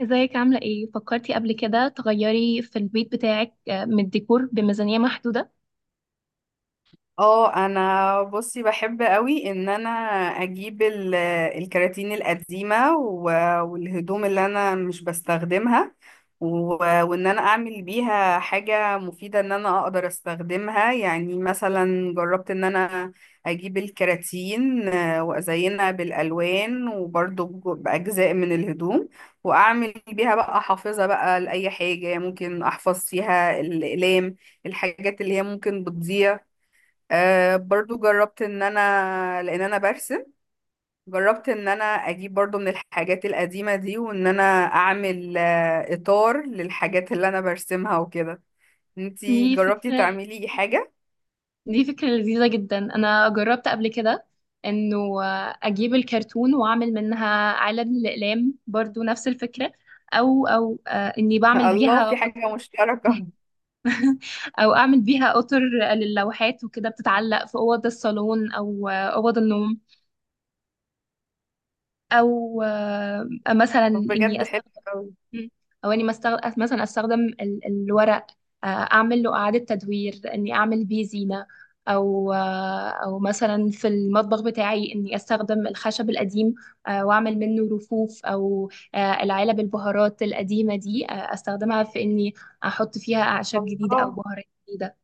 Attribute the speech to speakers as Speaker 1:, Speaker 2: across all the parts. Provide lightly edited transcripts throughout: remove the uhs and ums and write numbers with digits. Speaker 1: ازيك عاملة ايه؟ فكرتي قبل كده تغيري في البيت بتاعك من الديكور بميزانية محدودة؟
Speaker 2: اه انا بصي بحب قوي ان انا اجيب الكراتين القديمه والهدوم اللي انا مش بستخدمها و- وان انا اعمل بيها حاجه مفيده ان انا اقدر استخدمها. يعني مثلا جربت ان انا اجيب الكراتين وازينها بالالوان وبرضو باجزاء من الهدوم واعمل بيها بقى حافظه بقى لاي حاجه ممكن احفظ فيها الاقلام، الحاجات اللي هي ممكن بتضيع. آه برضو جربت ان انا لان انا برسم، جربت ان انا اجيب برضو من الحاجات القديمة دي وان انا اعمل آه اطار للحاجات اللي انا برسمها وكده. انتي
Speaker 1: دي
Speaker 2: جربتي
Speaker 1: فكرة
Speaker 2: تعملي حاجة؟
Speaker 1: دي فكرة لذيذة جدا. انا جربت قبل كده انه اجيب الكرتون واعمل منها علب للأقلام، برضو نفس الفكرة. او اني بعمل
Speaker 2: الله،
Speaker 1: بيها
Speaker 2: في حاجة
Speaker 1: قطر.
Speaker 2: مشتركة.
Speaker 1: او اعمل بيها قطر للوحات وكده بتتعلق في اوض الصالون او اوض النوم، او مثلا
Speaker 2: طب
Speaker 1: اني
Speaker 2: بجد حلو
Speaker 1: استخدم.
Speaker 2: قوي.
Speaker 1: مم. او اني مثلا استخدم الورق، اعمل له اعاده تدوير، اني اعمل بيه زينه، او مثلا في المطبخ بتاعي اني استخدم الخشب القديم، واعمل منه رفوف، او العلب البهارات القديمه دي استخدمها في اني احط فيها اعشاب جديده او
Speaker 2: الله،
Speaker 1: بهارات جديده.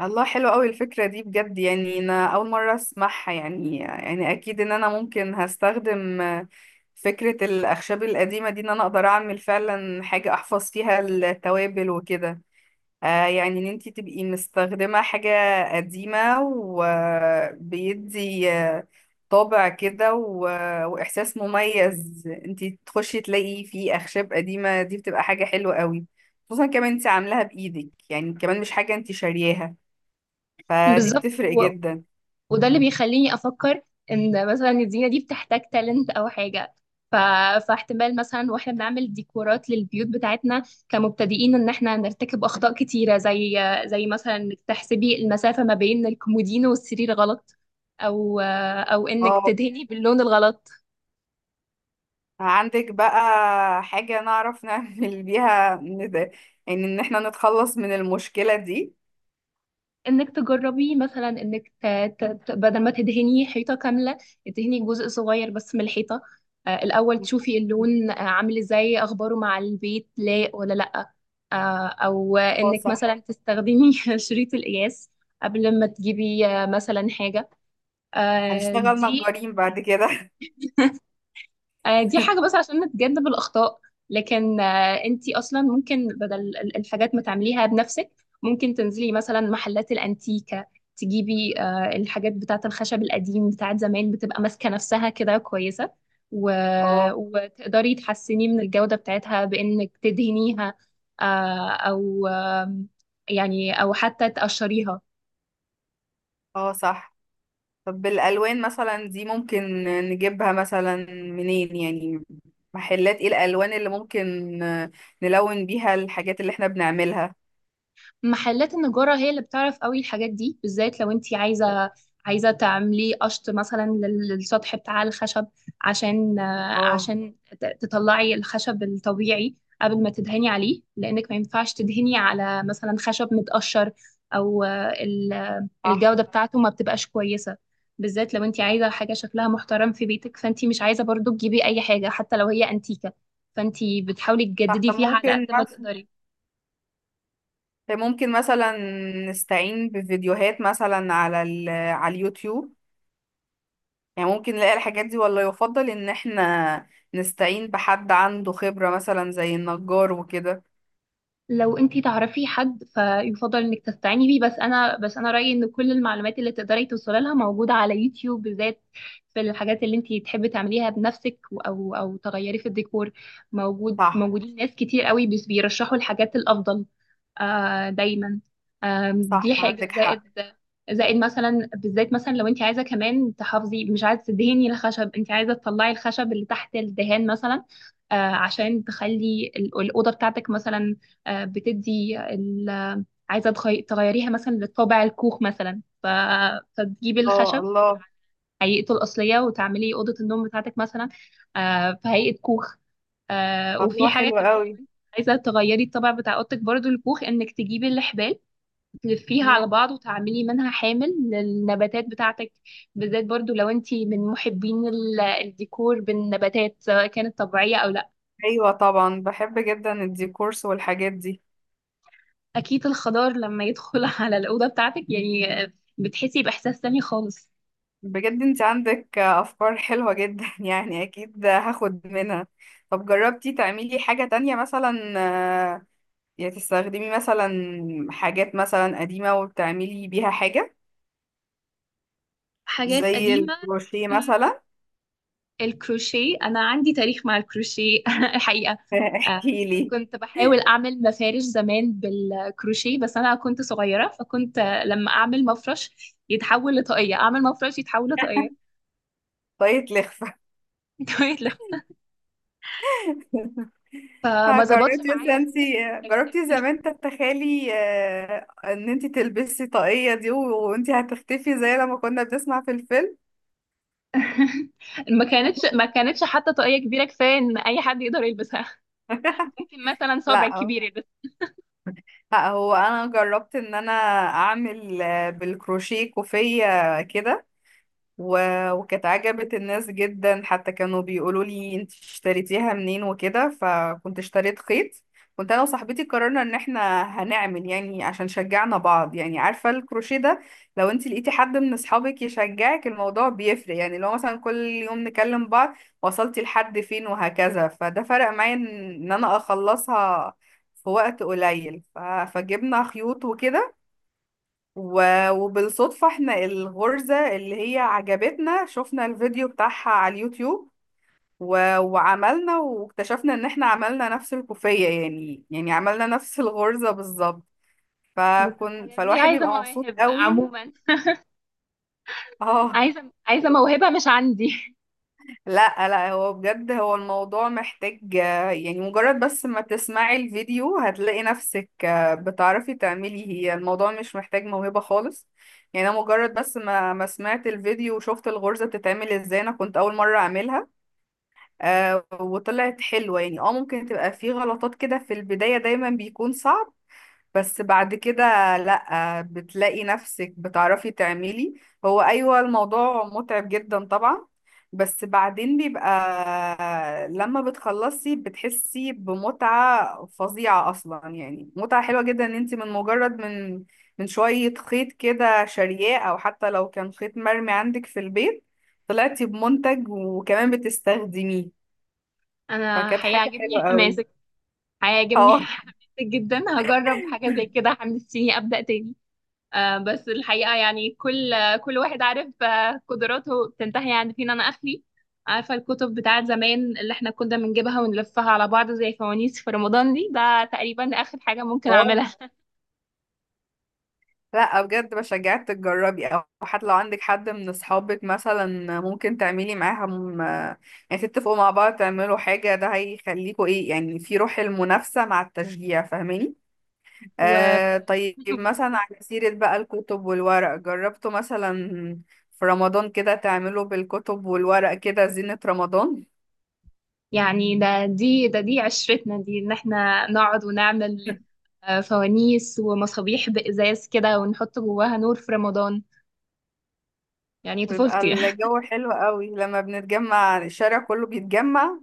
Speaker 2: الله حلو قوي الفكرة دي بجد. يعني انا اول مرة اسمعها، يعني يعني اكيد ان انا ممكن هستخدم فكرة الأخشاب القديمة دي إن أنا أقدر أعمل فعلا حاجة أحفظ فيها التوابل وكده. آه يعني ان انتي تبقي مستخدمة حاجة قديمة وبيدي، طابع كده واحساس مميز. انتي تخشي تلاقي فيه اخشاب قديمة دي بتبقى حاجة حلوة قوي، خصوصا كمان انتي عاملاها بايدك، يعني كمان مش حاجة انتي شارياها، فدي
Speaker 1: بالظبط.
Speaker 2: بتفرق جدا.
Speaker 1: وده اللي بيخليني افكر ان مثلا الزينه دي بتحتاج تالنت او حاجه. ف... فاحتمال مثلا واحنا بنعمل ديكورات للبيوت بتاعتنا كمبتدئين ان احنا نرتكب اخطاء كتيره، زي مثلا انك تحسبي المسافه ما بين الكومودينو والسرير غلط، او انك
Speaker 2: اه،
Speaker 1: تدهني باللون الغلط.
Speaker 2: عندك بقى حاجة نعرف نعمل بيها يعني ان احنا نتخلص من المشكلة دي؟
Speaker 1: انك تجربي مثلا انك بدل ما تدهني حيطه كامله، تدهني جزء صغير بس من الحيطه، الاول تشوفي اللون عامل ازاي اخباره مع البيت، لايق ولا لا. او
Speaker 2: اه
Speaker 1: انك
Speaker 2: صح.
Speaker 1: مثلا تستخدمي شريط القياس قبل ما تجيبي مثلا حاجة.
Speaker 2: هنشتغل
Speaker 1: دي
Speaker 2: نجارين بعد كده.
Speaker 1: دي حاجة بس عشان نتجنب الأخطاء. لكن انتي أصلا ممكن، بدل الحاجات ما تعمليها بنفسك، ممكن تنزلي مثلا محلات الأنتيكة، تجيبي الحاجات بتاعة الخشب القديم بتاعة زمان، بتبقى ماسكة نفسها كده كويسة. و...
Speaker 2: اه.
Speaker 1: وتقدري تحسني من الجودة بتاعتها بإنك تدهنيها، أو يعني أو حتى تقشريها.
Speaker 2: اه صح. طب الالوان مثلا دي ممكن نجيبها مثلا منين يعني؟ محلات ايه الالوان اللي ممكن نلون بيها الحاجات اللي احنا بنعملها؟
Speaker 1: محلات النجارة هي اللي بتعرف قوي الحاجات دي، بالذات لو انتي عايزة تعملي قشط مثلا للسطح بتاع الخشب، عشان آه،
Speaker 2: اه
Speaker 1: عشان تطلعي الخشب الطبيعي قبل ما تدهني عليه، لأنك ما ينفعش تدهني على مثلا خشب متقشر، أو
Speaker 2: صح.
Speaker 1: الجودة بتاعته ما بتبقاش كويسة، بالذات لو انتي عايزة حاجة شكلها محترم في بيتك، فانتي مش عايزة برضو تجيبي أي حاجة حتى لو هي أنتيكة، فانتي بتحاولي
Speaker 2: صح.
Speaker 1: تجددي
Speaker 2: طب
Speaker 1: فيها على
Speaker 2: ممكن
Speaker 1: قد ما
Speaker 2: مثلا،
Speaker 1: تقدري.
Speaker 2: ممكن مثلا نستعين بفيديوهات مثلا على على اليوتيوب؟ يعني ممكن نلاقي الحاجات دي ولا يفضل ان احنا نستعين بحد عنده خبرة مثلا زي النجار وكده؟
Speaker 1: لو انتي تعرفي حد فيفضل انك تستعيني بيه، بس انا رأيي ان كل المعلومات اللي تقدري توصلي لها موجودة على يوتيوب، بالذات في الحاجات اللي انتي تحبي تعمليها بنفسك، او تغيري في الديكور.
Speaker 2: صح.
Speaker 1: موجودين ناس كتير قوي بس بيرشحوا الحاجات الافضل دايما. دي
Speaker 2: صح
Speaker 1: حاجة
Speaker 2: عندك
Speaker 1: زائد.
Speaker 2: حق.
Speaker 1: مثلا بالذات، مثلا لو انت عايزه كمان تحافظي، مش عايزه تدهني الخشب، انت عايزه تطلعي الخشب اللي تحت الدهان مثلا، عشان تخلي الاوضه بتاعتك مثلا، آه، بتدي ال... عايزة تغيريها مثلا لطابع الكوخ مثلا. فتجيبي
Speaker 2: اه
Speaker 1: الخشب
Speaker 2: الله.
Speaker 1: هيئته الأصلية، وتعملي أوضة النوم بتاعتك مثلا في هيئة كوخ. وفي
Speaker 2: الله
Speaker 1: حاجة
Speaker 2: حلو
Speaker 1: كمان، لو
Speaker 2: قوي.
Speaker 1: انت عايزة تغيري الطابع بتاع أوضتك برضو الكوخ، إنك تجيبي الحبال تلفيها
Speaker 2: مم،
Speaker 1: على بعض، وتعملي منها حامل للنباتات بتاعتك، بالذات برضو لو انت من محبين الديكور بالنباتات سواء كانت طبيعية أو لا.
Speaker 2: ايوه طبعا بحب جدا الديكورس والحاجات دي.
Speaker 1: اكيد الخضار لما يدخل على الاوضه بتاعتك يعني بتحسي باحساس تاني خالص.
Speaker 2: بجد انت عندك افكار حلوة جدا. يعني اكيد هاخد منها. طب جربتي تعملي حاجة تانية مثلا؟ آه، يعني تستخدمي مثلا حاجات مثلا قديمة وبتعملي بيها حاجة
Speaker 1: حاجات
Speaker 2: زي
Speaker 1: قديمه.
Speaker 2: الكروشيه
Speaker 1: مم،
Speaker 2: مثلا؟
Speaker 1: الكروشيه، انا عندي تاريخ مع الكروشيه الحقيقه. آه،
Speaker 2: احكي لي.
Speaker 1: كنت بحاول اعمل مفارش زمان بالكروشيه، بس انا كنت صغيره فكنت لما اعمل مفرش يتحول لطاقيه، اعمل مفرش يتحول لطاقيه.
Speaker 2: طريقة لخفة.
Speaker 1: فما ظبطش
Speaker 2: جربتي مثلا
Speaker 1: معايا
Speaker 2: انت،
Speaker 1: خالص. ال-
Speaker 2: جربتي
Speaker 1: ال-
Speaker 2: زمان تتخيلي آه، ان انت تلبسي طاقية دي وانت هتختفي زي لما كنا بنسمع في الفيلم؟
Speaker 1: ما كانتش حتى طاقيه كبيره كفايه ان اي حد يقدر يلبسها. ممكن مثلا صابع
Speaker 2: لا
Speaker 1: كبير.
Speaker 2: لا، هو انا جربت ان انا اعمل آه، بالكروشيه كوفية كده، وكانت عجبت الناس جدا، حتى كانوا بيقولوا لي انت اشتريتيها منين وكده، فكنت اشتريت خيط. كنت انا وصاحبتي قررنا ان احنا هنعمل يعني عشان شجعنا بعض، يعني عارفه الكروشيه ده لو انت لقيتي حد من اصحابك يشجعك الموضوع بيفرق، يعني لو مثلا كل يوم نكلم بعض وصلتي لحد فين وهكذا، فده فرق معايا ان ان انا اخلصها في وقت قليل. فجبنا خيوط وكده وبالصدفة احنا الغرزة اللي هي عجبتنا شفنا الفيديو بتاعها على اليوتيوب وعملنا، واكتشفنا ان احنا عملنا نفس الكوفية، يعني يعني عملنا نفس الغرزة بالظبط.
Speaker 1: بس الحاجات دي
Speaker 2: فالواحد
Speaker 1: عايزة
Speaker 2: بيبقى مبسوط
Speaker 1: مواهب
Speaker 2: قوي.
Speaker 1: عموما.
Speaker 2: اه
Speaker 1: عايزة موهبة مش عندي.
Speaker 2: لا لا، هو بجد هو الموضوع محتاج آه، يعني مجرد بس ما تسمعي الفيديو هتلاقي نفسك آه، بتعرفي تعملي. هي الموضوع مش محتاج موهبة خالص، يعني انا مجرد بس ما سمعت الفيديو وشفت الغرزة بتتعمل ازاي، انا كنت اول مرة اعملها آه، وطلعت حلوة. يعني اه ممكن تبقى في غلطات كده في البداية دايما بيكون صعب، بس بعد كده لأ، بتلاقي نفسك بتعرفي تعملي. هو أيوة الموضوع متعب جدا طبعا، بس بعدين بيبقى لما بتخلصي بتحسي بمتعة فظيعة أصلا، يعني متعة حلوة جدا إن انت من مجرد من، من شوية خيط كده شارياه، أو حتى لو كان خيط مرمي عندك في البيت، طلعتي بمنتج وكمان بتستخدميه.
Speaker 1: أنا
Speaker 2: فكانت حاجة
Speaker 1: هيعجبني
Speaker 2: حلوة قوي.
Speaker 1: حماسك، هيعجبني
Speaker 2: اه.
Speaker 1: حماسك جدا. هجرب حاجة زي كده، حمستيني أبدأ تاني. بس الحقيقة يعني كل واحد عارف قدراته بتنتهي عند فين. أنا آخري، عارفة الكتب بتاعت زمان اللي احنا كنا بنجيبها ونلفها على بعض زي فوانيس في رمضان دي، ده تقريبا آخر حاجة ممكن
Speaker 2: اه
Speaker 1: أعملها.
Speaker 2: لا بجد، بشجعك تجربي، او حتى لو عندك حد من اصحابك مثلا ممكن تعملي معاهم آه، يعني تتفقوا مع بعض تعملوا حاجة، ده هيخليكوا ايه يعني، في روح المنافسة مع التشجيع، فاهماني؟
Speaker 1: و
Speaker 2: آه طيب مثلا على سيرة بقى الكتب والورق، جربتوا مثلا في رمضان كده تعملوا بالكتب والورق كده زينة رمضان؟
Speaker 1: يعني، ده دي ده دي عشرتنا دي ان احنا نقعد ونعمل فوانيس ومصابيح بإزاز كده، ونحط جواها نور في رمضان. يعني
Speaker 2: بيبقى
Speaker 1: طفولتي.
Speaker 2: الجو حلو قوي لما بنتجمع الشارع كله بيتجمع.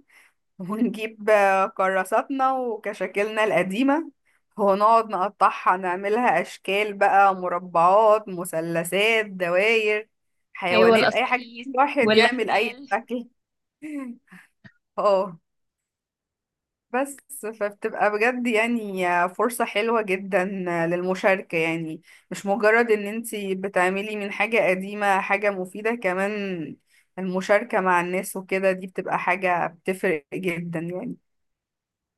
Speaker 2: ونجيب آه، كراساتنا وكشاكلنا القديمة ونقعد نقطعها نعملها أشكال بقى، مربعات مثلثات دواير
Speaker 1: أيوة
Speaker 2: حيوانات، أي حاجة
Speaker 1: القصائص
Speaker 2: الواحد يعمل أي
Speaker 1: والحبال.
Speaker 2: شكل. اه. بس فبتبقى بجد يعني فرصة حلوة جدا للمشاركة، يعني مش مجرد ان انتي بتعملي من حاجة قديمة حاجة مفيدة، كمان المشاركة مع الناس وكده دي بتبقى حاجة بتفرق جدا يعني.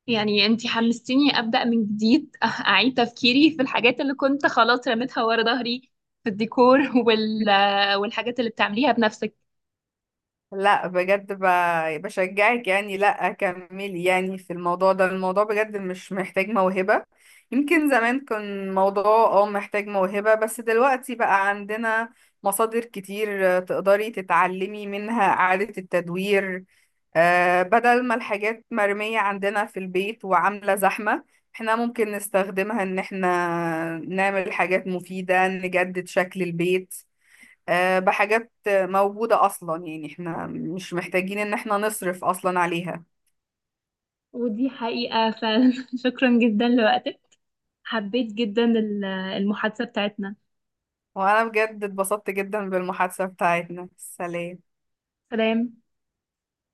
Speaker 1: يعني أنتي حمستيني أبدأ من جديد، أعيد تفكيري في الحاجات اللي كنت خلاص رميتها ورا ظهري في الديكور والحاجات اللي بتعمليها بنفسك.
Speaker 2: لا بجد بشجعك يعني، لا كملي يعني في الموضوع ده، الموضوع بجد مش محتاج موهبة. يمكن زمان كان موضوع اه محتاج موهبة، بس دلوقتي بقى عندنا مصادر كتير آه، تقدري تتعلمي منها إعادة التدوير. آه، بدل ما الحاجات مرمية عندنا في البيت وعاملة زحمة، احنا ممكن نستخدمها ان احنا نعمل حاجات مفيدة نجدد شكل البيت، آه، بحاجات موجودة أصلا، يعني احنا مش محتاجين إن احنا نصرف أصلا عليها.
Speaker 1: ودي حقيقة فعلا. شكرا جدا لوقتك، حبيت جدا المحادثة بتاعتنا.
Speaker 2: وأنا بجد اتبسطت جدا بالمحادثة بتاعتنا. سلام.
Speaker 1: سلام.